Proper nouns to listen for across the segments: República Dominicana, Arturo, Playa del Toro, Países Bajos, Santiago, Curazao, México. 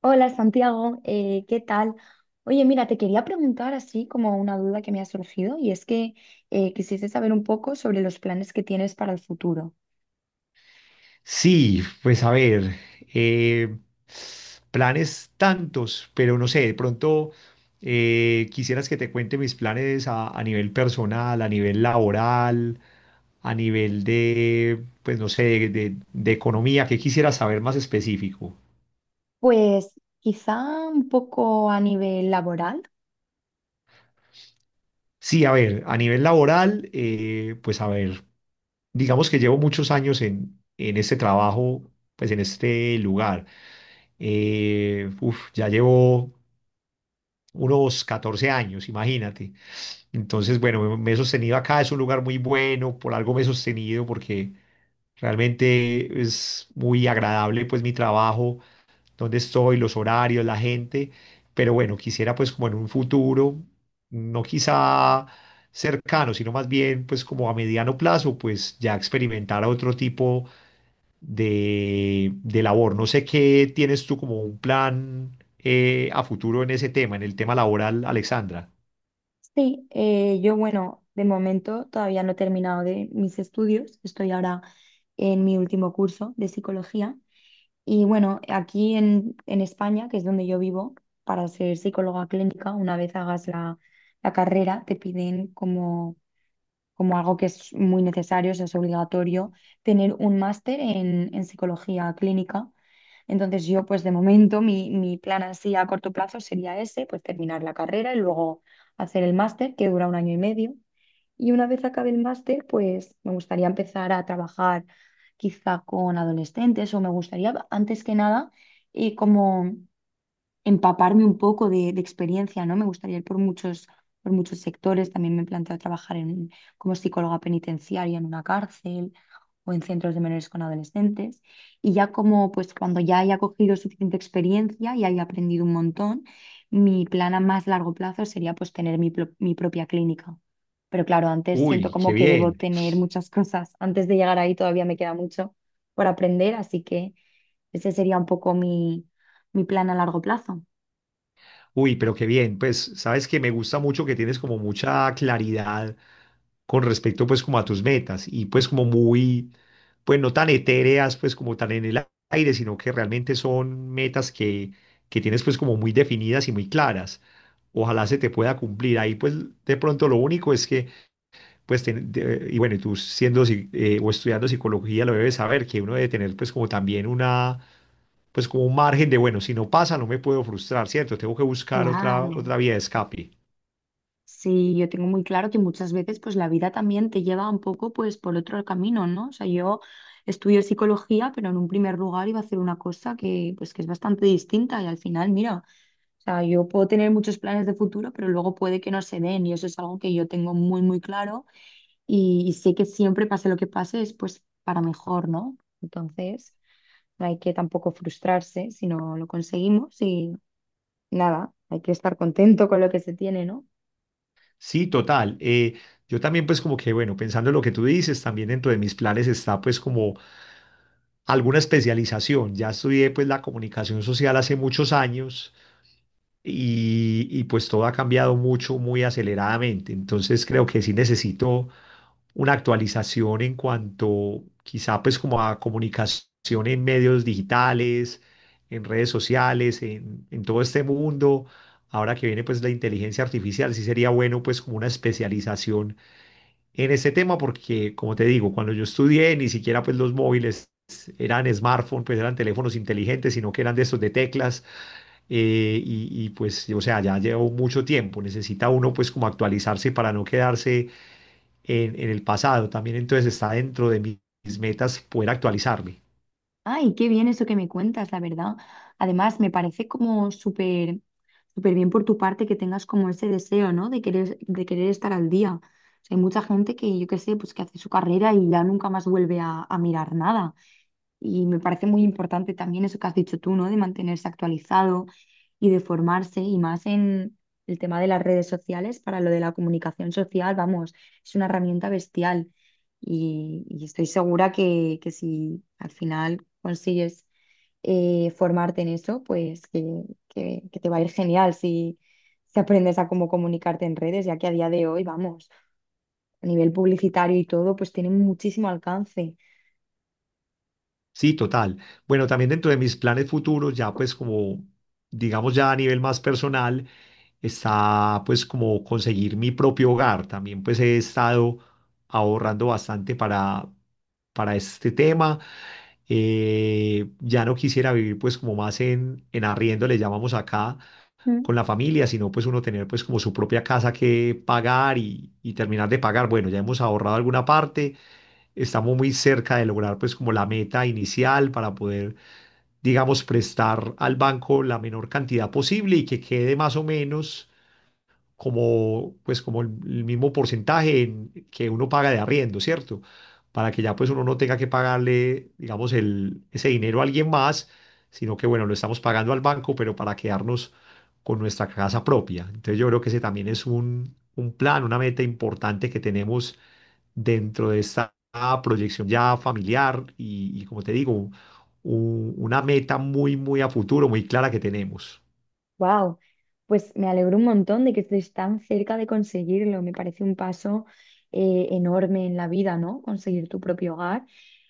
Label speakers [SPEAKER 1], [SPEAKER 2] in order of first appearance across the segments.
[SPEAKER 1] Hola Santiago, ¿qué tal? Oye, mira, te quería preguntar así como una duda que me ha surgido y es que quisiese saber un poco sobre los planes que tienes para el futuro.
[SPEAKER 2] Sí, pues a ver, eh, planes tantos, pero no sé, de pronto quisieras que te cuente mis planes a nivel personal, a nivel laboral, a nivel de, pues no sé, de economía, ¿qué quisieras saber más específico?
[SPEAKER 1] Pues quizá un poco a nivel laboral.
[SPEAKER 2] Sí, a ver, a nivel laboral, pues a ver, digamos que llevo muchos años en este trabajo, pues en este lugar. Ya llevo unos 14 años, imagínate. Entonces, bueno, me he sostenido acá, es un lugar muy bueno, por algo me he sostenido, porque realmente es muy agradable pues mi trabajo, donde estoy, los horarios, la gente, pero bueno, quisiera pues como en un futuro, no quizá cercano, sino más bien pues como a mediano plazo, pues ya experimentar otro tipo de labor. No sé qué tienes tú como un plan a futuro en ese tema, en el tema laboral, Alexandra.
[SPEAKER 1] Sí, yo bueno, de momento todavía no he terminado de mis estudios, estoy ahora en mi último curso de psicología. Y bueno, aquí en España, que es donde yo vivo, para ser psicóloga clínica, una vez hagas la carrera, te piden como, como algo que es muy necesario, o sea, es obligatorio, tener un máster en psicología clínica. Entonces yo, pues de momento, mi plan así a corto plazo sería ese, pues terminar la carrera y luego hacer el máster, que dura un año y medio. Y una vez acabe el máster, pues me gustaría empezar a trabajar quizá con adolescentes o me gustaría, antes que nada, y como empaparme un poco de experiencia, ¿no? Me gustaría ir por muchos sectores. También me he planteado trabajar en, como psicóloga penitenciaria en una cárcel o en centros de menores con adolescentes. Y ya como, pues cuando ya haya cogido suficiente experiencia y haya aprendido un montón, mi plan a más largo plazo sería pues tener mi propia clínica. Pero claro, antes siento
[SPEAKER 2] Uy, qué
[SPEAKER 1] como que debo
[SPEAKER 2] bien.
[SPEAKER 1] tener muchas cosas. Antes de llegar ahí todavía me queda mucho por aprender, así que ese sería un poco mi plan a largo plazo.
[SPEAKER 2] Uy, pero qué bien. Pues sabes que me gusta mucho que tienes como mucha claridad con respecto pues como a tus metas y pues como muy, pues no tan etéreas pues como tan en el aire, sino que realmente son metas que tienes pues como muy definidas y muy claras. Ojalá se te pueda cumplir. Ahí pues de pronto lo único es que y bueno, y tú siendo o estudiando psicología lo debes saber que uno debe tener pues como también una pues como un margen de, bueno, si no pasa, no me puedo frustrar, ¿cierto? Tengo que buscar otra,
[SPEAKER 1] Claro,
[SPEAKER 2] otra vía de escape.
[SPEAKER 1] sí, yo tengo muy claro que muchas veces pues la vida también te lleva un poco pues por otro camino, ¿no? O sea, yo estudio psicología, pero en un primer lugar iba a hacer una cosa que pues que es bastante distinta y al final, mira, o sea, yo puedo tener muchos planes de futuro, pero luego puede que no se den y eso es algo que yo tengo muy muy claro y sé que siempre pase lo que pase es pues para mejor, ¿no? Entonces, no hay que tampoco frustrarse si no lo conseguimos y nada, hay que estar contento con lo que se tiene, ¿no?
[SPEAKER 2] Sí, total. Yo también pues como que, bueno, pensando en lo que tú dices, también dentro de mis planes está pues como alguna especialización. Ya estudié pues la comunicación social hace muchos años y pues todo ha cambiado mucho, muy aceleradamente. Entonces creo que sí necesito una actualización en cuanto quizá pues como a comunicación en medios digitales, en redes sociales, en todo este mundo. Ahora que viene pues la inteligencia artificial, sí sería bueno pues como una especialización en este tema porque como te digo, cuando yo estudié ni siquiera pues los móviles eran smartphones, pues eran teléfonos inteligentes, sino que eran de estos de teclas pues o sea, ya llevo mucho tiempo, necesita uno pues como actualizarse para no quedarse en el pasado. También entonces está dentro de mis metas poder actualizarme.
[SPEAKER 1] Ay, qué bien eso que me cuentas, la verdad. Además, me parece como súper, súper bien por tu parte que tengas como ese deseo, ¿no? De querer estar al día. O sea, hay mucha gente que, yo qué sé, pues que hace su carrera y ya nunca más vuelve a mirar nada. Y me parece muy importante también eso que has dicho tú, ¿no? De mantenerse actualizado y de formarse y más en el tema de las redes sociales para lo de la comunicación social, vamos, es una herramienta bestial y estoy segura que si al final consigues formarte en eso, pues que te va a ir genial si, si aprendes a cómo comunicarte en redes, ya que a día de hoy, vamos, a nivel publicitario y todo, pues tiene muchísimo alcance.
[SPEAKER 2] Sí, total. Bueno, también dentro de mis planes futuros, ya pues como, digamos ya a nivel más personal, está pues como conseguir mi propio hogar. También pues he estado ahorrando bastante para este tema. Ya no quisiera vivir pues como más en arriendo, le llamamos acá, con la familia, sino pues uno tener pues como su propia casa que pagar y terminar de pagar. Bueno, ya hemos ahorrado alguna parte, estamos muy cerca de lograr pues como la meta inicial para poder, digamos, prestar al banco la menor cantidad posible y que quede más o menos como, pues, como el mismo porcentaje en- que uno paga de arriendo, ¿cierto? Para que ya pues uno no tenga que pagarle, digamos, el, ese dinero a alguien más, sino que, bueno, lo estamos pagando al banco, pero para quedarnos con nuestra casa propia. Entonces yo creo que ese también es un plan, una meta importante que tenemos dentro de esta proyección ya familiar y como te digo, una meta muy, muy a futuro, muy clara que tenemos.
[SPEAKER 1] Wow, pues me alegro un montón de que estés tan cerca de conseguirlo. Me parece un paso enorme en la vida, ¿no? Conseguir tu propio hogar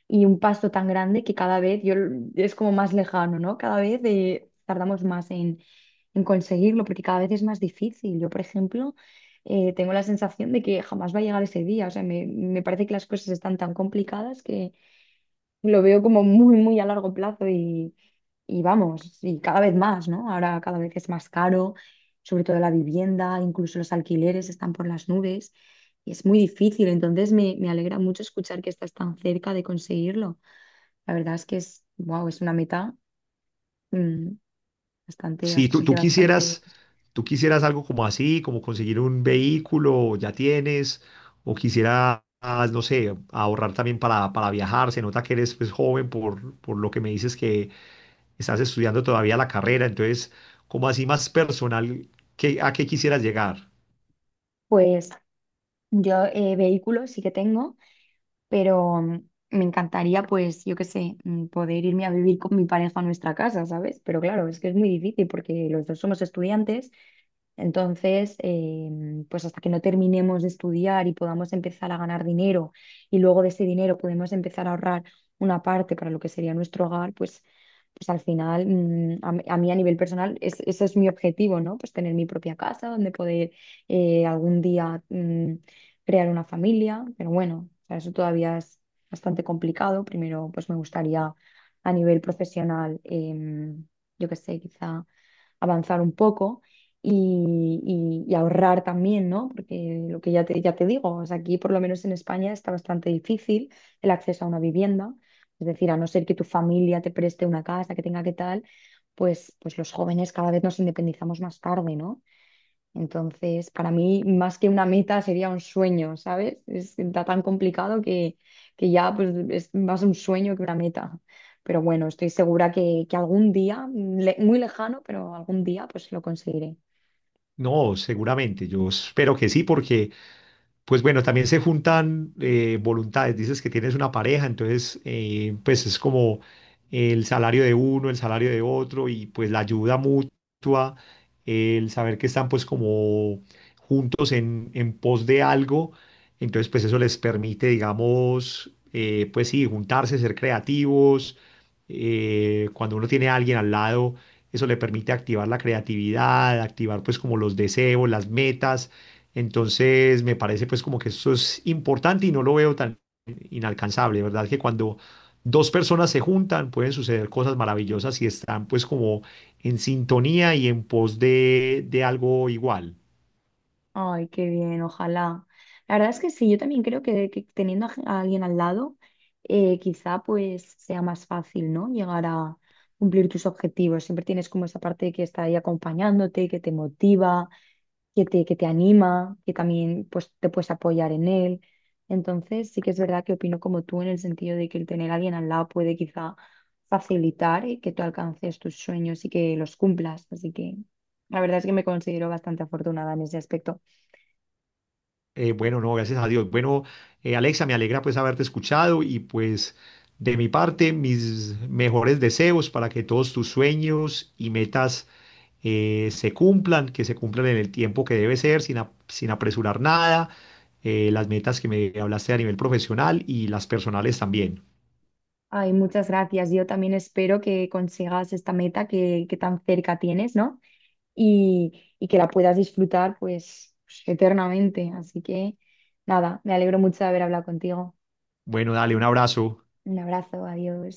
[SPEAKER 1] y un paso tan grande que cada vez es como más lejano, ¿no? Cada vez tardamos más en conseguirlo porque cada vez es más difícil. Yo, por ejemplo, tengo la sensación de que jamás va a llegar ese día. O sea, me parece que las cosas están tan complicadas, lo veo como muy, muy a largo plazo y vamos, y cada vez más, ¿no? Ahora cada vez es más caro, sobre todo la vivienda, incluso los alquileres están por las nubes y es muy difícil. Entonces me alegra mucho escuchar que estás tan cerca de conseguirlo. La verdad es que es, wow, es una meta mm, bastante,
[SPEAKER 2] Si
[SPEAKER 1] bastante,
[SPEAKER 2] tú
[SPEAKER 1] bastante.
[SPEAKER 2] quisieras, tú quisieras algo como así, como conseguir un vehículo, ya tienes, o quisieras, no sé, ahorrar también para viajar, se nota que eres pues, joven por lo que me dices que estás estudiando todavía la carrera, entonces, como así más personal, ¿qué, a qué quisieras llegar?
[SPEAKER 1] Pues yo vehículo sí que tengo. Pero me encantaría, pues, yo qué sé, poder irme a vivir con mi pareja a nuestra casa, ¿sabes? Pero claro, es que es muy difícil porque los dos somos estudiantes, entonces, pues hasta que no terminemos de estudiar y podamos empezar a ganar dinero y luego de ese dinero podemos empezar a ahorrar una parte para lo que sería nuestro hogar, pues... Pues al final, a mí a nivel personal, ese es mi objetivo, ¿no? Pues tener mi propia casa donde poder algún día crear una familia, pero bueno, o sea, eso todavía es bastante complicado. Primero, pues me gustaría a nivel profesional, yo qué sé, quizá avanzar un poco y, y ahorrar también, ¿no? Porque lo que ya te digo, o sea, aquí por lo menos en España está bastante difícil el acceso a una vivienda. Es decir, a no ser que tu familia te preste una casa, que tenga que tal, pues, pues los jóvenes cada vez nos independizamos más tarde, ¿no? Entonces, para mí, más que una meta, sería un sueño, ¿sabes? Es está tan complicado que ya pues, es más un sueño que una meta. Pero bueno, estoy segura que algún día, muy lejano, pero algún día pues lo conseguiré.
[SPEAKER 2] No, seguramente, yo espero que sí, porque pues bueno, también se juntan voluntades. Dices que tienes una pareja, entonces pues es como el salario de uno, el salario de otro y pues la ayuda mutua, el saber que están pues como juntos en pos de algo. Entonces pues eso les permite, digamos, pues sí, juntarse, ser creativos. Cuando uno tiene a alguien al lado, eso le permite activar la creatividad, activar pues como los deseos, las metas entonces, me parece pues como que esto es importante y no lo veo tan inalcanzable, ¿verdad? Que cuando dos personas se juntan pueden suceder cosas maravillosas y están pues como en sintonía y en pos de algo igual.
[SPEAKER 1] Ay, qué bien, ojalá. La verdad es que sí, yo también creo que teniendo a alguien al lado, quizá pues sea más fácil, ¿no? Llegar a cumplir tus objetivos. Siempre tienes como esa parte que está ahí acompañándote, que te motiva, que te anima, que también pues, te puedes apoyar en él. Entonces, sí que es verdad que opino como tú en el sentido de que el tener a alguien al lado puede quizá facilitar que tú alcances tus sueños y que los cumplas. Así que la verdad es que me considero bastante afortunada en ese aspecto.
[SPEAKER 2] Bueno, no, gracias a Dios. Bueno, Alexa, me alegra pues haberte escuchado y pues de mi parte, mis mejores deseos para que todos tus sueños y metas se cumplan, que se cumplan en el tiempo que debe ser, sin apresurar nada, las metas que me hablaste a nivel profesional y las personales también.
[SPEAKER 1] Ay, muchas gracias. Yo también espero que consigas esta meta que tan cerca tienes, ¿no? Y que la puedas disfrutar pues, eternamente. Así que nada, me alegro mucho de haber hablado contigo.
[SPEAKER 2] Bueno, dale un abrazo.
[SPEAKER 1] Un abrazo, adiós.